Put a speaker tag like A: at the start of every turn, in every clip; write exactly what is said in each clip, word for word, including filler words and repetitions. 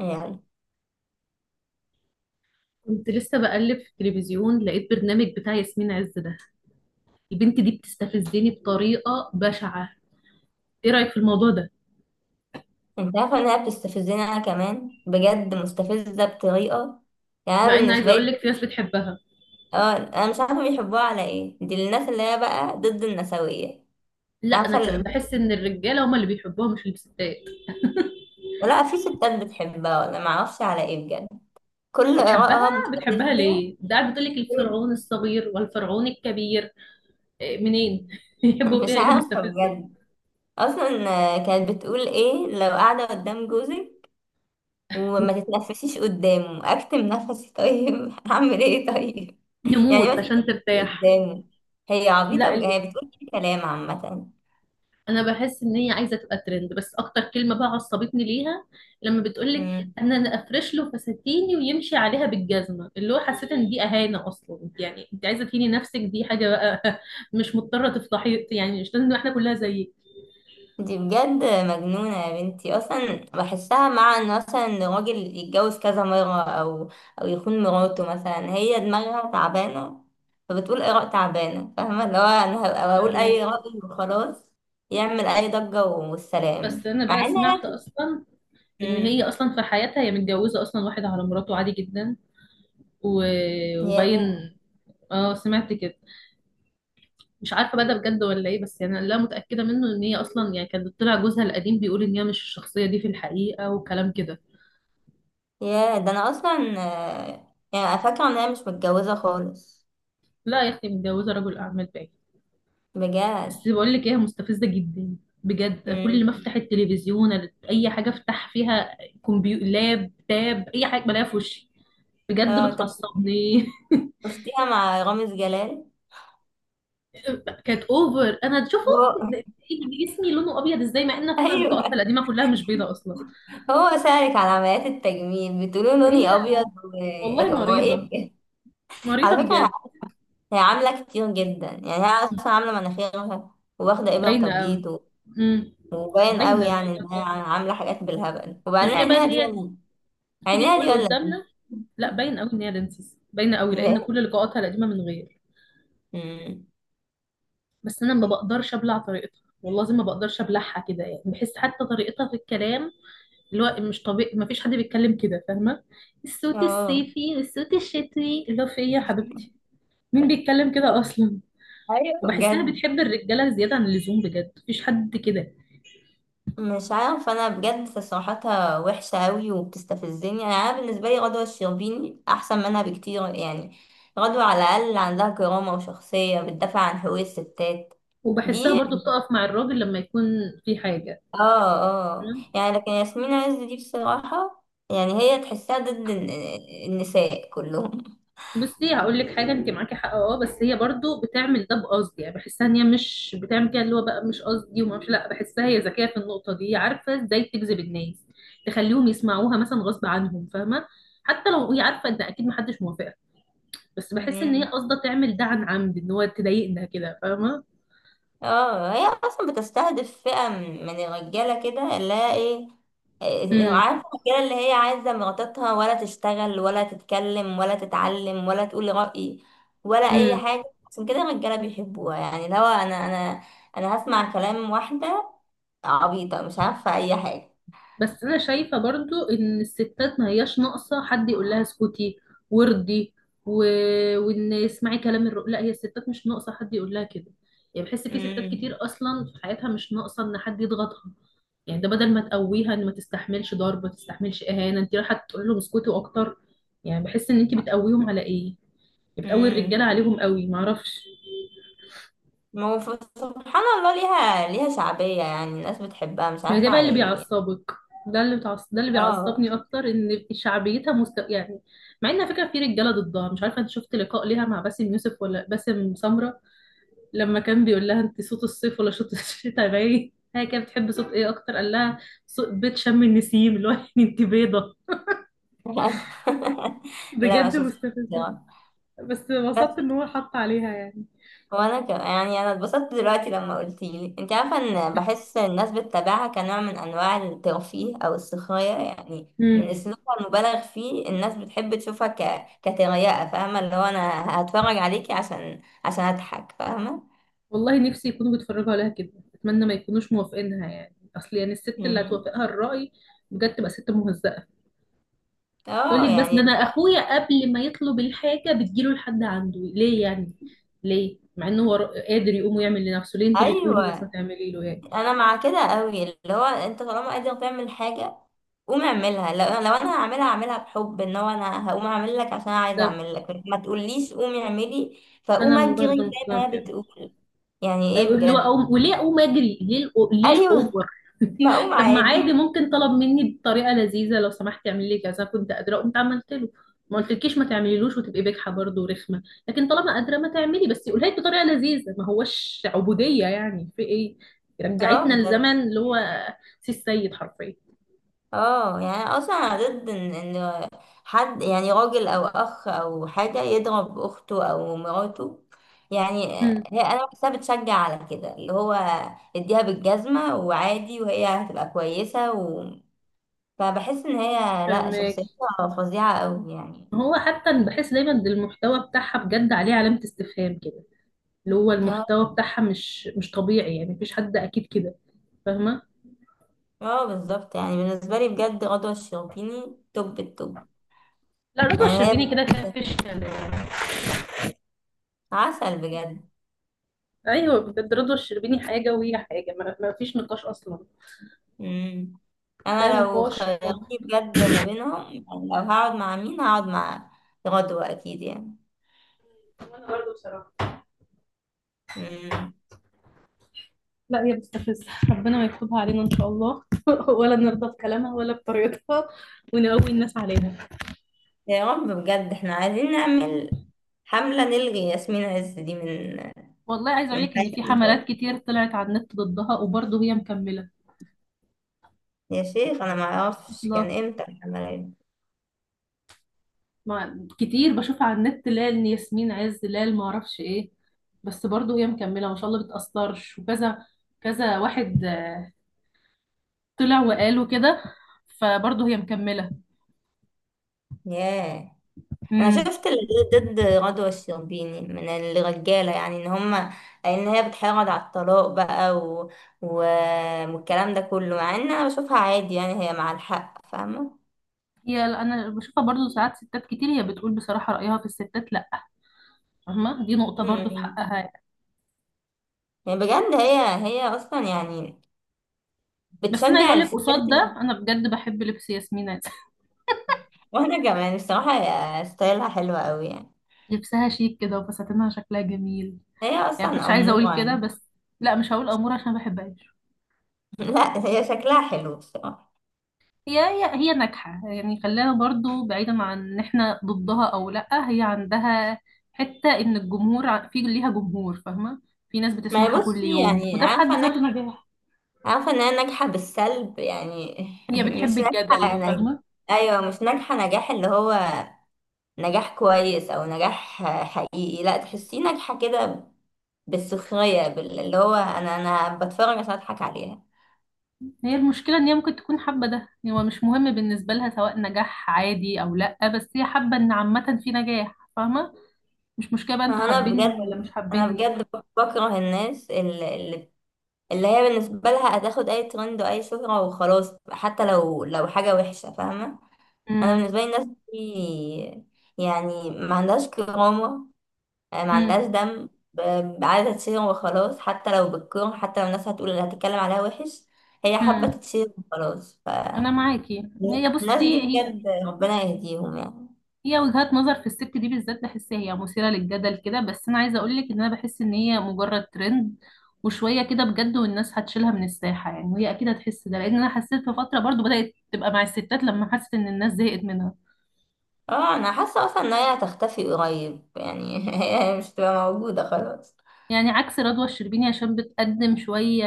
A: يعني
B: كنت لسه بقلب في التلفزيون، لقيت برنامج بتاع ياسمين عز ده. البنت دي بتستفزني بطريقة بشعة. ايه رأيك في الموضوع ده؟
A: انت عارفة انها بتستفزني، انا كمان بجد مستفزة بطريقة. يعني انا
B: مع ان عايزة
A: بالنسبة
B: اقول لك في
A: لي،
B: ناس بتحبها.
A: اه انا مش عارفة بيحبوها على ايه. دي الناس اللي هي بقى ضد النسوية.
B: لا، انا
A: عارفة
B: ك-
A: اللي،
B: بحس ان الرجالة هما اللي بيحبوها مش الستات.
A: ولا في ستات بتحبها ولا معرفش على ايه بجد. كل
B: بتحبها،
A: آرائها
B: بتحبها
A: مستفزة.
B: ليه؟ ده قاعد بتقول لك
A: كل-
B: الفرعون الصغير والفرعون الكبير. إيه، منين يحبوا
A: مش
B: فيها ايه؟ ده
A: عارفة
B: مستفزة.
A: بجد. اصلا كانت بتقول ايه لو قاعدة قدام جوزك وما تتنفسيش قدامه. اكتم نفسي طيب؟ اعمل ايه طيب؟ يعني ما
B: نموت عشان
A: تتنفسيش
B: ترتاح.
A: قدامه. هي عبيطة،
B: لا،
A: ب- هي بتقول كده كلام عامة.
B: انا بحس ان هي عايزه تبقى ترند، بس اكتر كلمه بقى عصبتني ليها لما بتقولك
A: مم.
B: انا انا افرش له فساتيني ويمشي عليها بالجزمه، اللي هو حسيت ان دي اهانه. اصلا انت، يعني انت عايزه تهيني نفسك؟ دي حاجه بقى مش مضطره تفضحي، يعني مش لازم احنا كلها زيك.
A: دي بجد مجنونة يا بنتي. أصلا بحسها مع إن مثلا راجل يتجوز كذا مرة أو أو يخون مراته، مثلا هي دماغها تعبانة، فبتقول آراء تعبانة. فاهمة اللي هو أنا هبقى بقول
B: فاهمك.
A: أي رأي وخلاص، يعمل أي ضجة
B: بس
A: والسلام،
B: انا
A: مع
B: بقى
A: إن
B: سمعت
A: هي.
B: اصلا ان هي
A: مم.
B: اصلا في حياتها هي متجوزه اصلا واحد على مراته عادي جدا و... وباين.
A: ياه.
B: اه سمعت كده. مش عارفه بقى ده بجد ولا ايه، بس يعني لا متاكده منه ان هي اصلا، يعني كان طلع جوزها القديم بيقول ان هي مش الشخصيه دي في الحقيقه، وكلام كده.
A: يا ده انا اصلا آه، يعني فاكره ان انا مش متجوزه خالص؟
B: لا يا اختي، متجوزه رجل اعمال باين.
A: بجد.
B: بس بقول لك ايه، هي مستفزه جدا بجد. كل ما
A: امم.
B: افتح التلفزيون، اي حاجه افتح فيها، كمبيو، لاب تاب، اي حاجه بلاقيها في وشي. بجد
A: اه طب
B: بتعصبني.
A: شفتيها مع رامز جلال؟
B: كانت اوفر. انا تشوفه
A: هو
B: جسمي لونه ابيض ازاي؟ مع ان أنا فاكره اللقاءات
A: ايوه.
B: القديمه كلها مش بيضه اصلا.
A: هو سألك على عمليات التجميل، بتقولوا
B: هي
A: لوني ابيض؟
B: والله
A: و- هو ايه
B: مريضه.
A: بجد؟
B: مريضه
A: على فكره
B: بجد.
A: هي عامله كتير جدا. يعني هي اصلا عامله مناخيرها، واخده ابره
B: باينه قوي.
A: تبييض و-
B: امم
A: وباين قوي
B: باينه،
A: يعني انها
B: باينه.
A: عامله حاجات بالهبل.
B: بجد
A: وبعدين
B: الغيره بقى
A: عينيها
B: ان
A: دي
B: هي
A: ولا إيه؟
B: تيجي
A: عينيها دي
B: تقول
A: ولا
B: قدامنا. لا باينه قوي ان هي دنسيس، باينه قوي
A: إيه؟
B: لان كل لقاءاتها القديمه من غير.
A: أمم.
B: بس انا ما بقدرش ابلع طريقتها، والله العظيم ما بقدرش ابلعها كده، يعني بحس حتى طريقتها في الكلام اللي هو مش طبيعي. ما فيش حد بيتكلم كده، فاهمه؟ الصوت
A: اه
B: الصيفي والصوت الشتوي، اللي هو في ايه يا حبيبتي؟ مين بيتكلم كده اصلا؟
A: ايوه
B: وبحسها
A: بجد.
B: بتحب الرجاله زياده عن اللزوم بجد، مفيش حد كده.
A: مش عارفة، أنا بجد تصريحاتها وحشة أوي وبتستفزني. أنا أنا بالنسبة لي غدوة الشربيني أحسن منها بكتير. يعني غدوة على الأقل عندها كرامة وشخصية بتدافع عن حقوق الستات.
B: وبحسها
A: دي
B: برضو بتقف مع الراجل لما يكون في حاجه.
A: اه اه. يعني لكن ياسمين عز دي بصراحة، يعني هي تحسها ضد الن- النساء كلهم.
B: بصي هقول لك حاجه، انت معاكي حق، اه، بس هي برضو بتعمل ده بقصد. يعني بحسها ان هي مش بتعمل كده، اللي هو بقى مش قصدي وما مش، لا بحسها هي ذكيه في النقطه دي، عارفه ازاي تجذب الناس، تخليهم يسمعوها مثلا غصب عنهم، فاهمه؟ حتى لو هي عارفه ان اكيد محدش موافقك، بس بحس ان هي قصده تعمل ده عن عمد، ان هو تضايقنا كده، فاهمه؟
A: اه هي اصلا بتستهدف فئة من من الرجالة كده اللي هي ايه. إيه،
B: امم
A: عارفة الرجالة اللي هي عايزة مراتها ولا تشتغل ولا تتكلم ولا تتعلم ولا تقول رأي ولا أي
B: امم.
A: حاجة. عشان كده الرجالة بيحبوها. يعني لو أنا أنا أنا هسمع كلام واحدة عبيطة مش عارفة أي حاجة؟
B: بس انا شايفه برضو ان الستات ما هياش ناقصه حد يقول لها اسكتي وردي و... وان اسمعي كلام الرجل. لا هي الستات مش ناقصه حد يقول لها كده. يعني بحس في ستات كتير
A: امم
B: اصلا في حياتها مش ناقصه ان حد يضغطها. يعني ده بدل ما تقويها ان ما تستحملش ضرب، ما تستحملش اهانه، انت رايحه تقول لهم اسكتوا اكتر. يعني بحس ان انت بتقويهم على ايه، بتقوي الرجاله
A: امم.
B: عليهم قوي، ما اعرفش.
A: ما هو ف- سبحان الله ليها ليها شعبية. يعني الناس بتحبها مش
B: ما ده
A: عارفة
B: بقى
A: على
B: اللي
A: ايه.
B: بيعصبك. ده اللي بتعص... ده اللي
A: اه
B: بيعصبني اكتر، ان شعبيتها مست... يعني. مع ان على فكره في رجاله ضدها. مش عارفه انت شفت لقاء ليها مع باسم يوسف ولا باسم سمره لما كان بيقول لها انت صوت الصيف ولا صوت الشتاء؟ باين هي كانت بتحب صوت ايه اكتر، قال لها صوت بيت شم النسيم، اللي هو يعني انت بيضه.
A: لا ما
B: بجد
A: شفتش.
B: مستفزه. بس
A: بس
B: انبسطت ان هو حط عليها يعني.
A: وانا ك... يعني انا اتبسطت دلوقتي لما قلتي لي. انت عارفه ان بحس الناس بتتابعها كنوع من انواع الترفيه او السخريه، يعني من
B: امم
A: اسلوبها المبالغ فيه الناس بتحب تشوفها ك... كتريقه. فاهمه اللي هو انا هتفرج عليكي عشان عشان اضحك. فاهمه.
B: والله نفسي يكونوا بيتفرجوا عليها كده. اتمنى ما يكونوش موافقينها يعني، اصل يعني الست اللي
A: مم.
B: هتوافقها الرأي بجد تبقى ست مهزأة. يقول
A: اه
B: لك بس ده
A: يعني
B: انا
A: بجد-
B: اخويا قبل ما يطلب الحاجه بتجيله لحد عنده ليه يعني؟ ليه مع انه هو قادر يقوم ويعمل لنفسه، ليه انت اللي
A: ايوه.
B: تقومي بس ما تعملي له يعني؟
A: انا مع كده قوي، اللي هو انت طالما قادر تعمل حاجه قوم اعملها. لو لو انا هعملها هعملها بحب. ان هو انا هقوم اعمل لك عشان أنا عايزه
B: طب
A: اعمل لك، ما تقوليش قومي اعملي فاقوم
B: انا
A: اجري
B: برضه
A: زي
B: مقتنعه
A: ما هي
B: كده.
A: بتقول. يعني ايه
B: أيوة، اللي هو
A: بجد؟
B: أقوم- وليه اقوم اجري؟ ليه الأو- ليه
A: ايوه
B: الاوفر؟
A: ما اقوم
B: طب ما عادي
A: عادي.
B: ممكن طلب مني بطريقه لذيذه، لو سمحت تعمل لي كذا، كنت قادره قمت عملت له. ما قلتلكيش ما تعمليلوش وتبقي بجحه برضه ورخمه، لكن طالما قادره ما تعملي، بس قولها لي بطريقه لذيذه، ما هوش عبوديه يعني. في ايه،
A: اه
B: رجعتنا
A: بجد.
B: لزمن اللي هو سي السيد حرفيا.
A: اه يعني أنا اصلا انا ضد ان ان حد، يعني راجل او اخ او حاجه، يضرب اخته او مراته. يعني
B: هم،
A: هي انا بحسها بتشجع على كده، اللي هو اديها بالجزمه وعادي وهي هتبقى كويسه و... فبحس ان هي لا،
B: فهماك.
A: شخصيتها فظيعه قوي يعني.
B: هو حتى بحس دايما إن المحتوى بتاعها بجد عليه علامه استفهام كده، اللي هو
A: اه
B: المحتوى بتاعها مش مش طبيعي. يعني مفيش حد اكيد كده، فاهمه؟
A: اه بالظبط. يعني بالنسبه لي بجد غدوه الشربيني توب التوب.
B: لا رضوى
A: يعني هي
B: الشربيني كده كده
A: بجد
B: مفيش كلام.
A: عسل بجد.
B: ايوه بجد رضوى الشربيني حاجه وهي حاجه، ما ما فيش نقاش اصلا.
A: مم.
B: لا
A: انا لو
B: نقاش اطلاقا.
A: خيروني بجد ما بينهم، يعني لو هقعد مع مين هقعد مع غدوة اكيد يعني.
B: وانا برضه بصراحه.
A: مم.
B: لا هي بتستفز، ربنا ما يكتبها علينا ان شاء الله ولا نرضى بكلامها ولا بطريقتها، ونقوي الناس عليها.
A: يا رب. بجد احنا عايزين نعمل حملة نلغي ياسمين عز دي من
B: والله عايز اقول
A: من
B: لك ان في
A: حياتنا
B: حملات
A: خالص.
B: كتير طلعت على النت ضدها، وبرضه هي مكمله.
A: يا شيخ انا ما اعرفش
B: الله،
A: كان امتى الحملة دي.
B: ما كتير بشوفها على النت، لا ياسمين عز لا ما اعرفش ايه، بس برضه هي مكمله ما شاء الله، بتأثرش، وكذا كذا واحد طلع وقال وكده، فبرضه هي مكملة.
A: ياه. انا
B: امم
A: شفت اللي ضد غدوة الشربيني من الرجالة، يعني ان هما ان هي بتحرض على الطلاق بقى و... و... والكلام ده كله. مع ان انا بشوفها عادي، يعني هي مع الحق فاهمة.
B: هي انا بشوفها برضه ساعات ستات كتير، هي بتقول بصراحة رأيها في الستات، لا فاهمة دي نقطة
A: مم.
B: برضه في
A: يعني
B: حقها يعني.
A: بجد هي هي اصلا يعني
B: بس انا عايزة
A: بتشجع
B: اقول لك
A: الستات.
B: قصاد ده، انا بجد بحب لبس ياسمين عز.
A: وانا كمان الصراحه هي ستايلها حلوه قوي. يعني
B: لبسها شيك كده وفساتينها شكلها جميل.
A: هي
B: يعني
A: اصلا
B: كنتش عايزة اقول
A: اموره
B: كده
A: يعني.
B: بس، لا مش هقول امور عشان ما بحبهاش.
A: لا هي شكلها حلو الصراحه.
B: هي هي هي ناجحة يعني، خلاها برضو بعيدا عن ان احنا ضدها او لأ، هي عندها حتة ان الجمهور ع- في ليها جمهور، فاهمة؟ في ناس
A: ما هي
B: بتسمعها كل
A: بصي،
B: يوم
A: يعني
B: وده في
A: عارفه
B: حد
A: انك
B: ذاته نجاح.
A: عارفه انها ناجحه بالسلب. يعني
B: هي بتحب
A: مش ناجحه
B: الجدل،
A: يعني.
B: فاهمة؟
A: ايوه مش ناجحه نجاح اللي هو نجاح كويس او نجاح حقيقي. لا تحسيه ناجحه كده بالسخريه، بال- اللي هو انا انا بتفرج عشان اضحك عليها.
B: هي المشكلة ان هي ممكن تكون حابة ده، يعني هو مش مهم بالنسبة لها سواء نجاح عادي او لأ، بس هي حابة ان عامة في نجاح، فاهمة؟ مش مشكلة بقى انتوا
A: انا
B: حابيني ولا
A: بجد
B: مش
A: انا
B: حابيني.
A: بجد بكره الناس اللي, اللي اللي هي بالنسبه لها هتاخد اي ترند واي شهره وخلاص، حتى لو لو حاجه وحشه فاهمه. انا
B: امم
A: بالنسبه لي الناس دي يعني ما عندهاش كرامه. آه، ما
B: امم
A: عندهاش دم، ب- عايزه تشير وخلاص، حتى لو بالكره، حتى لو الناس هتقول اللي هتتكلم عليها وحش، هي حابه
B: امم
A: تتشير وخلاص. ف
B: انا معاكي. هي
A: الناس
B: بصي،
A: دي بجد ربنا يهديهم يعني.
B: هي وجهات نظر في الست دي بالذات بحسها هي مثيرة للجدل كده، بس انا عايزة اقولك ان انا بحس ان هي مجرد ترند وشوية كده بجد، والناس هتشيلها من الساحة يعني، وهي اكيد هتحس ده، لان انا حسيت في فترة برضو بدأت تبقى مع الستات لما حست ان الناس زهقت منها.
A: اه انا حاسه اصلا ان هي هتختفي قريب يعني. هي مش هتبقى موجوده خلاص.
B: يعني عكس رضوى الشربيني عشان بتقدم شوية،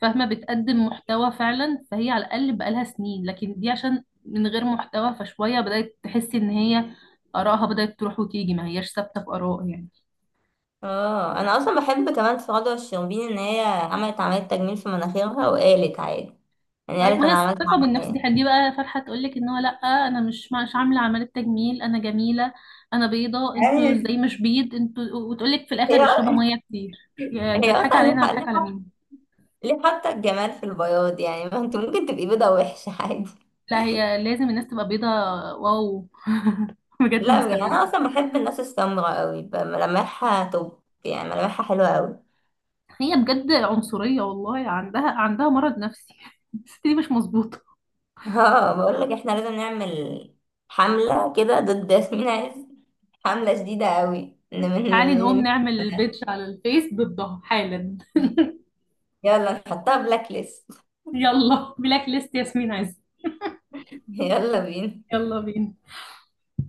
B: فاهمة؟ بتقدم محتوى فعلا، فهي على الاقل بقالها سنين. لكن دي عشان من غير محتوى، فشوية بدأت تحس ان هي آرائها بدأت تروح وتيجي، ما هياش ثابتة في آراء يعني.
A: اه انا اصلا بحب كمان في رضوى الشربيني ان هي عملت عمليه تجميل في مناخيرها وقالت عادي. يعني
B: أي
A: قالت
B: ما هي
A: انا عملت
B: الثقة بالنفس دي
A: عمليه.
B: دي بقى فرحة تقولك ان هو لأ، انا مش مش عاملة عملية تجميل، انا جميلة، انا بيضة،
A: ايوه.
B: انتوا ازاي مش بيض انتوا؟ وتقولك في
A: هي
B: الاخر اشربوا مية كتير. يعني انت
A: هي
B: بتضحك
A: اصلا ليه
B: علينا؟
A: حق-
B: هتضحك
A: ليه
B: على
A: حق-
B: مين؟
A: ليه حاطه الجمال في البياض؟ يعني ما انت ممكن تبقي بيضه وحشه عادي.
B: لا هي لازم الناس تبقى بيضة، واو. بجد
A: لا يعني انا
B: مستفزة.
A: اصلا بحب الناس السمراء قوي بقى. ملامحها توب يعني، ملامحها حلوه قوي.
B: هي بجد عنصرية، والله عندها عندها مرض نفسي الست دي مش مظبوطة.
A: اه بقول لك احنا لازم نعمل حمله كده ضد ياسمين عز. عاملة شديدة قوي. نم-
B: تعالي نقوم
A: نم-
B: نعمل بيدج على الفيس ضدها حالا.
A: يلا نحطها بلاك ليست.
B: يلا بلاك ليست ياسمين عز.
A: يلا بينا.
B: يلا بينا.